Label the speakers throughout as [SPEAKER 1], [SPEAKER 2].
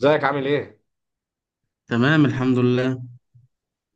[SPEAKER 1] ازيك عامل ايه؟
[SPEAKER 2] تمام الحمد لله.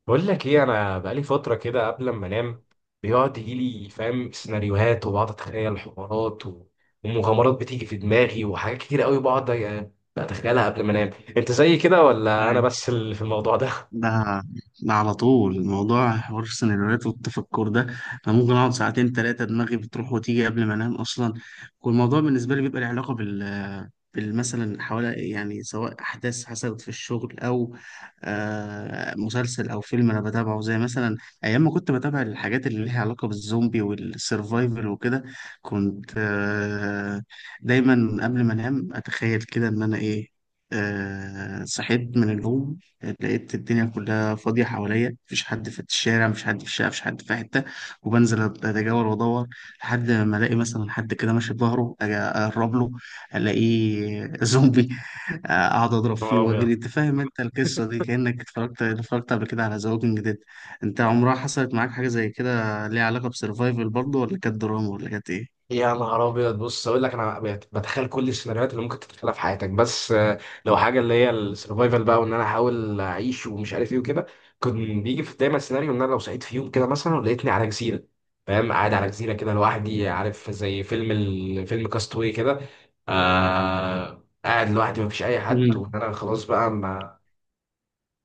[SPEAKER 1] بقول لك ايه، انا بقالي فتره كده قبل ما انام بيقعد يجي لي، فاهم، سيناريوهات وبقعد اتخيل حوارات ومغامرات بتيجي في دماغي وحاجات كتير قوي بقعد بتخيلها قبل ما انام. انت زي كده ولا انا
[SPEAKER 2] أي.
[SPEAKER 1] بس اللي في الموضوع ده؟
[SPEAKER 2] ده ده على طول الموضوع حوار السيناريوهات والتفكر ده. انا ممكن اقعد ساعتين ثلاثه، دماغي بتروح وتيجي قبل ما انام اصلا. والموضوع بالنسبه لي بيبقى له علاقه بالمثلا حوالي، يعني سواء احداث حصلت في الشغل او مسلسل او فيلم انا بتابعه. زي مثلا ايام ما كنت بتابع الحاجات اللي ليها علاقه بالزومبي والسرفايفل وكده، كنت دايما قبل ما انام اتخيل كده ان انا ايه، صحيت من النوم، لقيت الدنيا كلها فاضية حواليا، مفيش حد في الشارع، مفيش حد في الشقة، مفيش حد في حتة، وبنزل أتجول وأدور لحد ما ألاقي مثلا حد كده ماشي بظهره، أجي أقرب له ألاقيه زومبي أقعد
[SPEAKER 1] يا
[SPEAKER 2] أضرب
[SPEAKER 1] نهار
[SPEAKER 2] فيه
[SPEAKER 1] أبيض.
[SPEAKER 2] وأجري. أنت فاهم أنت القصة دي، كأنك اتفرجت قبل كده على ذا ووكينج ديد. أنت عمرها حصلت معاك حاجة زي كده ليها علاقة بسرفايفل برضه، ولا كانت دراما ولا كانت إيه؟
[SPEAKER 1] يا نهار ابيض، بص اقول لك، انا بتخيل كل السيناريوهات اللي ممكن تتخيلها في حياتك، بس لو حاجه اللي هي السرفايفل بقى، وان انا احاول اعيش ومش عارف ايه وكده. كان بيجي في دايما سيناريو ان انا لو صحيت في يوم كده مثلا ولقيتني على جزيره، فاهم، قاعد على جزيره كده لوحدي، عارف زي فيلم فيلم كاستوي كده. قاعد لوحدي مفيش اي حد
[SPEAKER 2] مم.
[SPEAKER 1] وان انا خلاص بقى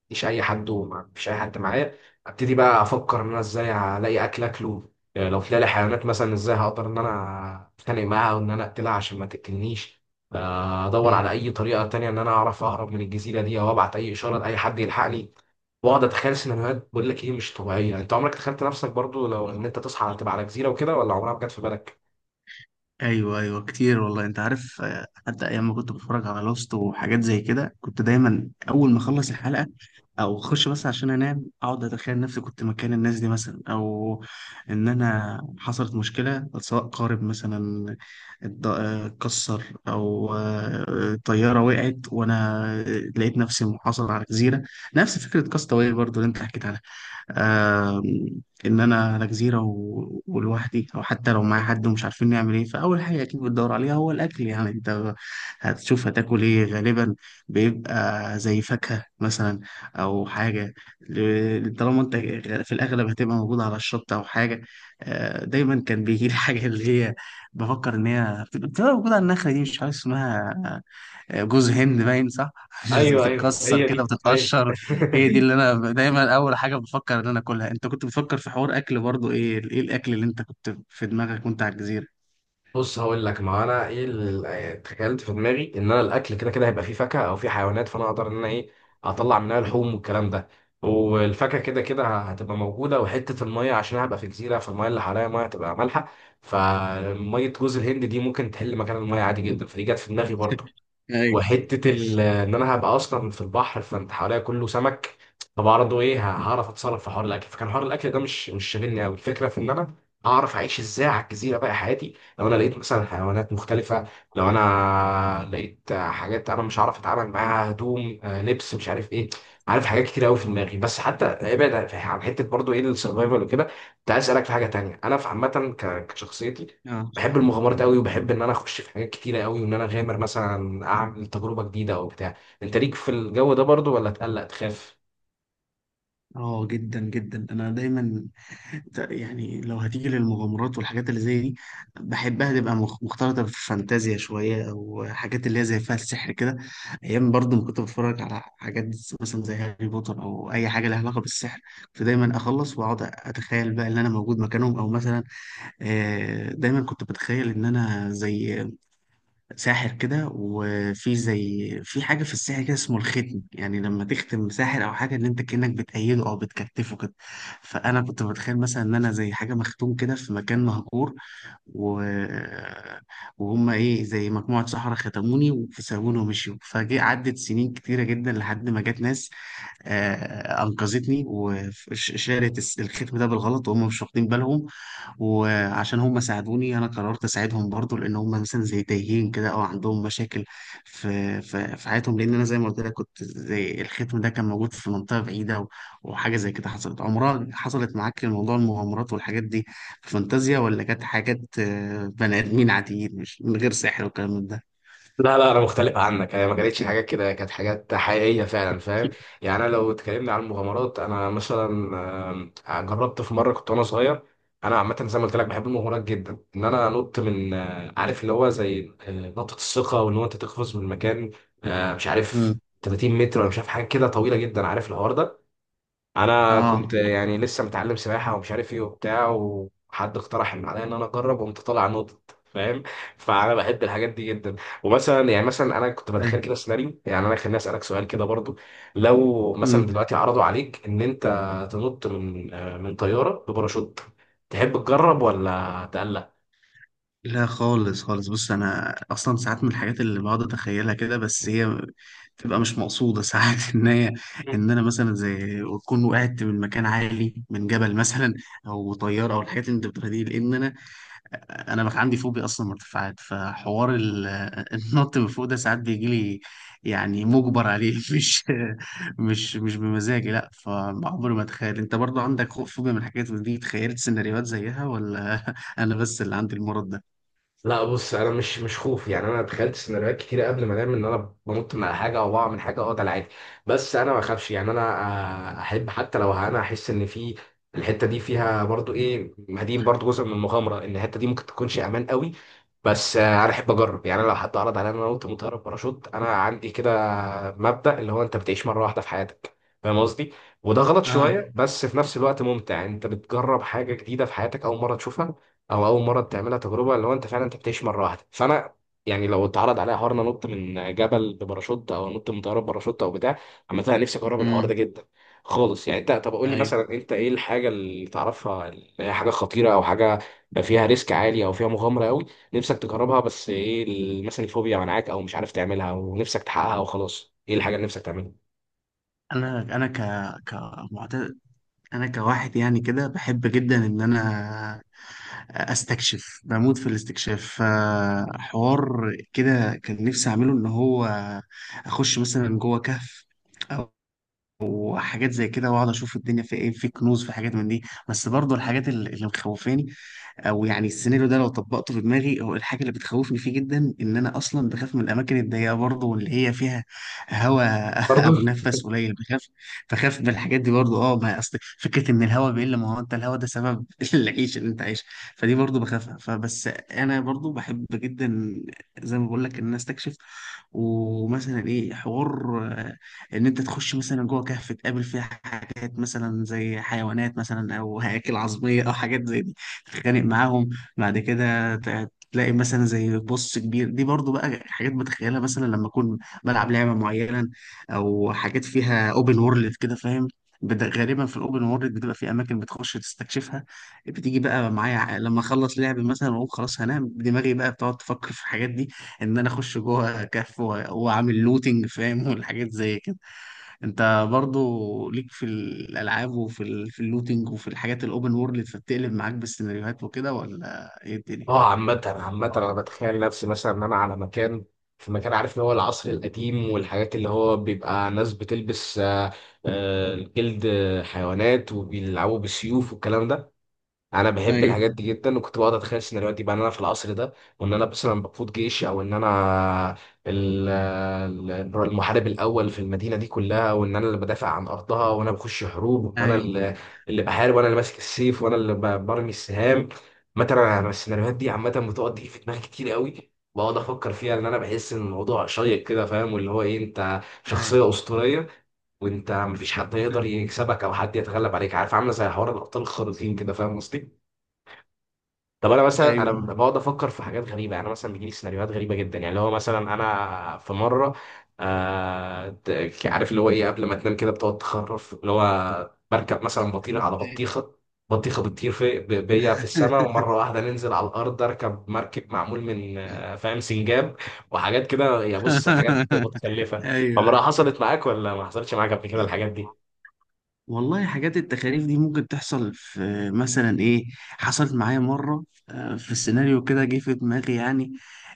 [SPEAKER 1] مفيش اي حد ومفيش اي حد معايا. ابتدي بقى افكر ان انا ازاي الاقي اكل اكله. لو طلع لي حيوانات مثلا ازاي هقدر ان انا اتخانق معاها وان انا اقتلها عشان ما تقتلنيش. ادور على
[SPEAKER 2] مم.
[SPEAKER 1] اي طريقه تانية ان انا اعرف اهرب من الجزيره دي، او ابعت اي اشاره لاي حد يلحقني، واقعد اتخيل سيناريوهات. بقول لك ايه مش طبيعيه، انت عمرك تخيلت نفسك برضو لو ان انت تصحى تبقى على جزيره وكده، ولا عمرها ما جت في بالك؟
[SPEAKER 2] ايوه ايوه كتير والله، انت عارف، حتى ايام ما كنت بتفرج على لوست وحاجات زي كده، كنت دايما اول ما اخلص الحلقه او اخش بس عشان انام، اقعد اتخيل نفسي كنت مكان الناس دي مثلا، او ان انا حصلت مشكله سواء قارب مثلا اتكسر او طياره وقعت وانا لقيت نفسي محاصر على جزيره، نفس فكره كاستاوي برضو اللي انت حكيت عنها. ان انا على جزيره ولوحدي، او حتى لو معايا حد ومش عارفين نعمل ايه، فاول حاجه اكيد بتدور عليها هو الاكل. يعني انت هتشوف هتاكل ايه غالبا، بيبقى زي فاكهه مثلا او حاجه، طالما انت في الاغلب هتبقى موجود على الشط او حاجه. دايما كان بيجي لي حاجه اللي هي بفكر ان هي بتبقى موجوده على النخله دي، مش عارف اسمها، جوز هند باين صح
[SPEAKER 1] ايوه ايوه،
[SPEAKER 2] بتتكسر
[SPEAKER 1] هي
[SPEAKER 2] كده
[SPEAKER 1] دي، ايوه.
[SPEAKER 2] بتتقشر. هي دي اللي انا دايما اول حاجه بفكر ان انا اكلها. انت كنت بتفكر في حوار اكل برضو؟ ايه ايه الاكل اللي انت كنت في دماغك وانت على الجزيره؟
[SPEAKER 1] بص هقول لك، ما انا ايه اللي تخيلت في دماغي، ان انا الاكل كده كده هيبقى فيه فاكهه او فيه حيوانات، فانا اقدر ان انا ايه، اطلع منها لحوم والكلام ده، والفاكهه كده كده هتبقى موجوده. وحته الميه، عشان أنا هبقى في جزيره فالميه اللي حواليا ميه هتبقى مالحه، فميه جوز الهند دي ممكن تحل مكان الميه عادي جدا، فدي جت في دماغي برضو.
[SPEAKER 2] ايوه.
[SPEAKER 1] ان انا هبقى اصلا في البحر فانت حواليا كله سمك، فبرضه ايه، هعرف اتصرف في حوار الاكل. فكان حوار الاكل ده مش شاغلني قوي، الفكره في ان انا اعرف اعيش ازاي على الجزيره بقى حياتي، لو انا لقيت مثلا حيوانات مختلفه، لو انا لقيت حاجات انا مش عارف اتعامل معاها، هدوم، لبس، مش عارف ايه، عارف، حاجات كتير قوي في دماغي. بس حتى ابعد عن حته برضه ايه السرفايفل وكده، كنت عايز اسالك في حاجه تانيه. انا في عامه، كشخصيتي،
[SPEAKER 2] اه،
[SPEAKER 1] بحب المغامرات قوي، وبحب ان انا اخش في حاجات كتيره قوي وان انا اغامر، مثلا اعمل تجربه جديده او بتاع. انت ليك في الجو ده برضو، ولا تقلق تخاف؟
[SPEAKER 2] اه جدا جدا. انا دايما يعني لو هتيجي للمغامرات والحاجات اللي زي دي، بحبها تبقى مختلطه بالفانتازيا شويه، او حاجات اللي هي زي فيها السحر كده. ايام برضه ما كنت بتفرج على حاجات مثلا زي هاري بوتر او اي حاجه لها علاقه بالسحر، كنت دايما اخلص واقعد اتخيل بقى ان انا موجود مكانهم، او مثلا دايما كنت بتخيل ان انا زي ساحر كده، وفي زي في حاجة في السحر كده اسمه الختم، يعني لما تختم ساحر أو حاجة، إن أنت كأنك بتأيده أو بتكتفه كده. فأنا كنت بتخيل مثلا إن أنا زي حاجة مختوم كده في مكان مهجور، و... وهم إيه زي مجموعة سحرة ختموني وسابوني ومشيوا، فجي عدت سنين كتيرة جدا لحد ما جت ناس أنقذتني وشالت الختم ده بالغلط وهم مش واخدين بالهم. وعشان هم ساعدوني انا قررت اساعدهم برضو، لان هم مثلا زي تايهين كده او عندهم مشاكل في في حياتهم، لان انا زي ما قلت لك كنت زي الختم ده كان موجود في منطقه بعيده، وحاجه زي كده. حصلت عمرها حصلت معاك موضوع المغامرات والحاجات دي في فانتازيا، ولا كانت حاجات بني ادمين عاديين مش من غير سحر والكلام من ده؟
[SPEAKER 1] لا، انا مختلف عنك، هي ما كانتش حاجات كده، كانت حاجات حقيقيه فعلا، فاهم، يعني انا لو اتكلمنا عن المغامرات، انا مثلا، جربت في مره كنت وانا صغير. انا عامه زي ما قلت لك بحب المغامرات جدا، ان انا انط من عارف اللي هو زي نقطه الثقه، وان هو انت تقفز من مكان مش عارف
[SPEAKER 2] امم.
[SPEAKER 1] 30 متر، ولا مش عارف، حاجه كده طويله جدا، عارف الحوار ده. انا كنت
[SPEAKER 2] اه.
[SPEAKER 1] يعني لسه متعلم سباحه ومش عارف ايه وبتاع، وحد اقترح ان عليا ان انا اجرب، وقمت طالع نطت، فاهم. فانا بحب الحاجات دي جدا. ومثلا يعني، مثلا انا كنت بتخيل كده سيناريو، يعني انا خليني اسالك سؤال كده برضو، لو
[SPEAKER 2] أيوة.
[SPEAKER 1] مثلا دلوقتي عرضوا عليك ان انت تنط من من طياره بباراشوت، تحب تجرب ولا تقلق؟
[SPEAKER 2] لا خالص خالص. بص انا اصلا ساعات من الحاجات اللي بقعد اتخيلها كده، بس هي تبقى مش مقصوده ساعات ان هي، ان انا مثلا زي اكون وقعت من مكان عالي من جبل مثلا، او طياره، او الحاجات اللي انت بتقولها دي، لان انا انا بقى عندي فوبيا اصلا مرتفعات، فحوار النط من فوق ده ساعات بيجي لي يعني مجبر عليه مش مش بمزاجي لا. فعمري ما اتخيل. انت برضو عندك خوف فوبيا من الحاجات دي، تخيلت سيناريوهات زيها ولا انا بس اللي عندي المرض ده؟
[SPEAKER 1] لا، بص انا مش خوف، يعني انا تخيلت سيناريوهات كتير قبل ما انام ان انا بنط من على حاجه او بقع من حاجه، اه ده العادي. بس انا ما بخافش، يعني انا احب، حتى لو انا احس ان في الحته دي فيها برضو ايه، مدين برضو جزء من المغامره ان الحته دي ممكن تكونش امان قوي، بس انا احب اجرب. يعني انا لو حد عرض عليا ان انا انط من طياره باراشوت، انا عندي كده مبدا اللي هو انت بتعيش مره واحده في حياتك، فاهم قصدي. وده غلط
[SPEAKER 2] اه.
[SPEAKER 1] شويه، بس في نفس الوقت ممتع، يعني انت بتجرب حاجه جديده في حياتك، اول مره تشوفها او اول مره تعملها، تجربه اللي هو انت فعلا انت بتعيش مره واحده. فانا يعني لو اتعرض عليا حوار إن انا نط من جبل بباراشوت او نط من طياره بباراشوت او بتاع، عامه انا نفسي اجرب الحوار ده
[SPEAKER 2] امم.
[SPEAKER 1] جدا خالص. يعني انت، طب قول لي
[SPEAKER 2] ايوه.
[SPEAKER 1] مثلا، انت ايه الحاجه اللي تعرفها اللي هي حاجه خطيره، او حاجه فيها ريسك عالي، او فيها مغامره قوي، نفسك تجربها، بس ايه مثلا الفوبيا منعاك، او مش عارف تعملها ونفسك تحققها وخلاص؟ ايه الحاجه اللي نفسك تعملها
[SPEAKER 2] انا كمعتاد، انا كواحد يعني كده بحب جدا ان انا استكشف، بموت في الاستكشاف. فحوار كده كان نفسي اعمله، ان هو اخش مثلا جوه كهف او وحاجات زي كده واقعد اشوف الدنيا في ايه، في كنوز، في حاجات من دي. بس برضو الحاجات اللي مخوفاني، او يعني السيناريو ده لو طبقته في دماغي، هو الحاجه اللي بتخوفني فيه جدا ان انا اصلا بخاف من الاماكن الضيقه برضه، واللي هي فيها هواء
[SPEAKER 1] برضه؟
[SPEAKER 2] او نفس قليل، بخاف. بخاف من الحاجات دي برضه. اه، ما اصل فكره ان الهواء بيقل، ما هو انت الهواء ده سبب العيش اللي انت عايش. فدي برضه بخافها. فبس انا برضه بحب جدا زي ما بقول لك ان انا استكشف، ومثلا ايه حوار آه، ان انت تخش مثلا جوه كهف، تقابل فيها حاجات مثلا زي حيوانات مثلا، او هياكل عظميه، او حاجات زي دي تتخانق معاهم. بعد كده تلاقي مثلا زي بص كبير. دي برضو بقى حاجات بتخيلها مثلا لما اكون بلعب لعبه معينه، او حاجات فيها اوبن وورلد كده فاهم، غالبا في الاوبن وورلد بتبقى في اماكن بتخش تستكشفها، بتيجي بقى معايا لما اخلص لعب مثلا واقول خلاص هنام، دماغي بقى بتقعد تفكر في الحاجات دي، ان انا اخش جوه كهف واعمل لوتنج فاهم، والحاجات زي كده. انت برضو ليك في الالعاب وفي في اللوتينج وفي الحاجات الاوبن وورلد، فبتقلب معاك بالسيناريوهات وكده ولا ايه الدنيا؟
[SPEAKER 1] اه عامة عامة، انا بتخيل نفسي مثلا ان انا على مكان، في مكان، عارف اللي هو العصر القديم والحاجات اللي هو بيبقى ناس بتلبس جلد حيوانات وبيلعبوا بالسيوف والكلام ده. انا بحب
[SPEAKER 2] ايوه
[SPEAKER 1] الحاجات دي جدا، وكنت بقعد اتخيل سيناريوهات بقى ان انا في العصر ده، وان انا مثلا بقود جيش، او ان انا ال- المحارب الاول في المدينه دي كلها، وان انا اللي بدافع عن ارضها، وانا بخش حروب، وان انا
[SPEAKER 2] ايوه.
[SPEAKER 1] اللي بحارب، وانا اللي ماسك السيف، وانا اللي برمي السهام. مثلا انا السيناريوهات دي عامه بتقعد تيجي في دماغي كتير قوي، بقعد افكر فيها لان انا بحس ان الموضوع شيق كده، فاهم، واللي هو ايه، انت
[SPEAKER 2] ايوه
[SPEAKER 1] شخصيه اسطوريه، وانت مفيش حد يقدر يكسبك او حد يتغلب عليك، عارف، عامله زي حوار الابطال الخارقين كده، فاهم قصدي. طب انا مثلا انا
[SPEAKER 2] ايوه.
[SPEAKER 1] بقعد افكر في حاجات غريبه، يعني أنا مثلا بيجي لي سيناريوهات غريبه جدا، يعني اللي هو مثلا انا في مره، عارف اللي هو ايه، قبل ما تنام كده بتقعد تخرف، اللي هو بركب مثلا بطيخه على بطيخه، بطيخه بتطير في بيا في السماء، ومره واحده ننزل على الارض اركب مركب معمول من فاهم سنجاب وحاجات كده، يا بص حاجات متكلفه.
[SPEAKER 2] ايوه ايوه
[SPEAKER 1] عمرها حصلت معاك ولا ما حصلتش معاك قبل كده الحاجات دي؟
[SPEAKER 2] والله. حاجات التخاريف دي ممكن تحصل، في مثلا ايه حصلت معايا مرة في السيناريو كده جه في دماغي يعني،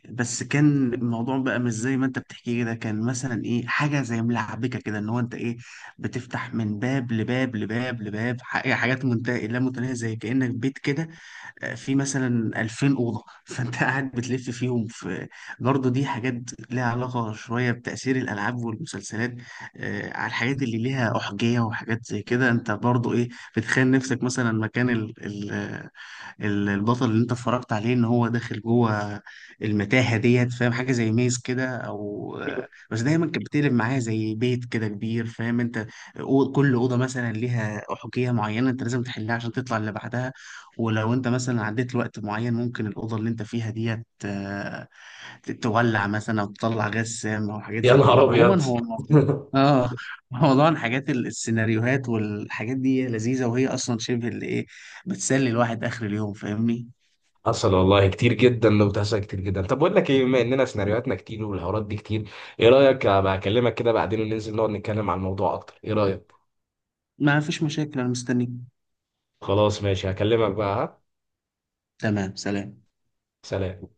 [SPEAKER 2] بس كان الموضوع بقى مش زي ما انت بتحكي كده، كان مثلا ايه حاجة زي ملعبكة كده، ان هو انت ايه بتفتح من باب لباب لباب لباب ح- إيه، حاجات منتهية لا متناهية، زي كأنك بيت كده في مثلا 2000 أوضة فانت قاعد بتلف فيهم في. برضه دي حاجات ليها علاقة شوية بتأثير الألعاب والمسلسلات على الحاجات اللي ليها أحجية وحاجات زي كده. انت برضو ايه بتخيل نفسك مثلا مكان البطل اللي انت اتفرجت عليه ان هو داخل جوه المتاهة ديت فاهم، حاجة زي ميز كده، او بس دايما كانت بتقلب معايا زي بيت كده كبير فاهم انت، كل أوضة مثلا ليها أحجية معينة انت لازم تحلها عشان تطلع اللي بعدها، ولو انت مثلا عديت لوقت معين ممكن الأوضة اللي انت فيها ديت تولع مثلا او تطلع غاز سام او حاجات
[SPEAKER 1] يا
[SPEAKER 2] زي كده.
[SPEAKER 1] نهار ابيض.
[SPEAKER 2] عموما هو اه موضوع الحاجات السيناريوهات والحاجات دي لذيذة، وهي أصلا شبه اللي إيه بتسلي الواحد آخر اليوم، فاهمني؟
[SPEAKER 1] حصل والله كتير جدا، لو بتحصل كتير جدا. طب بقول لك ايه، بما اننا سيناريوهاتنا كتير والحوارات دي كتير، ايه رايك ابقى اكلمك كده بعدين وننزل نقعد نتكلم عن الموضوع اكتر؟ ايه رايك؟
[SPEAKER 2] ما فيش مشاكل، أنا مستنيك.
[SPEAKER 1] خلاص ماشي، هكلمك بقى. ها
[SPEAKER 2] تمام، سلام.
[SPEAKER 1] سلام.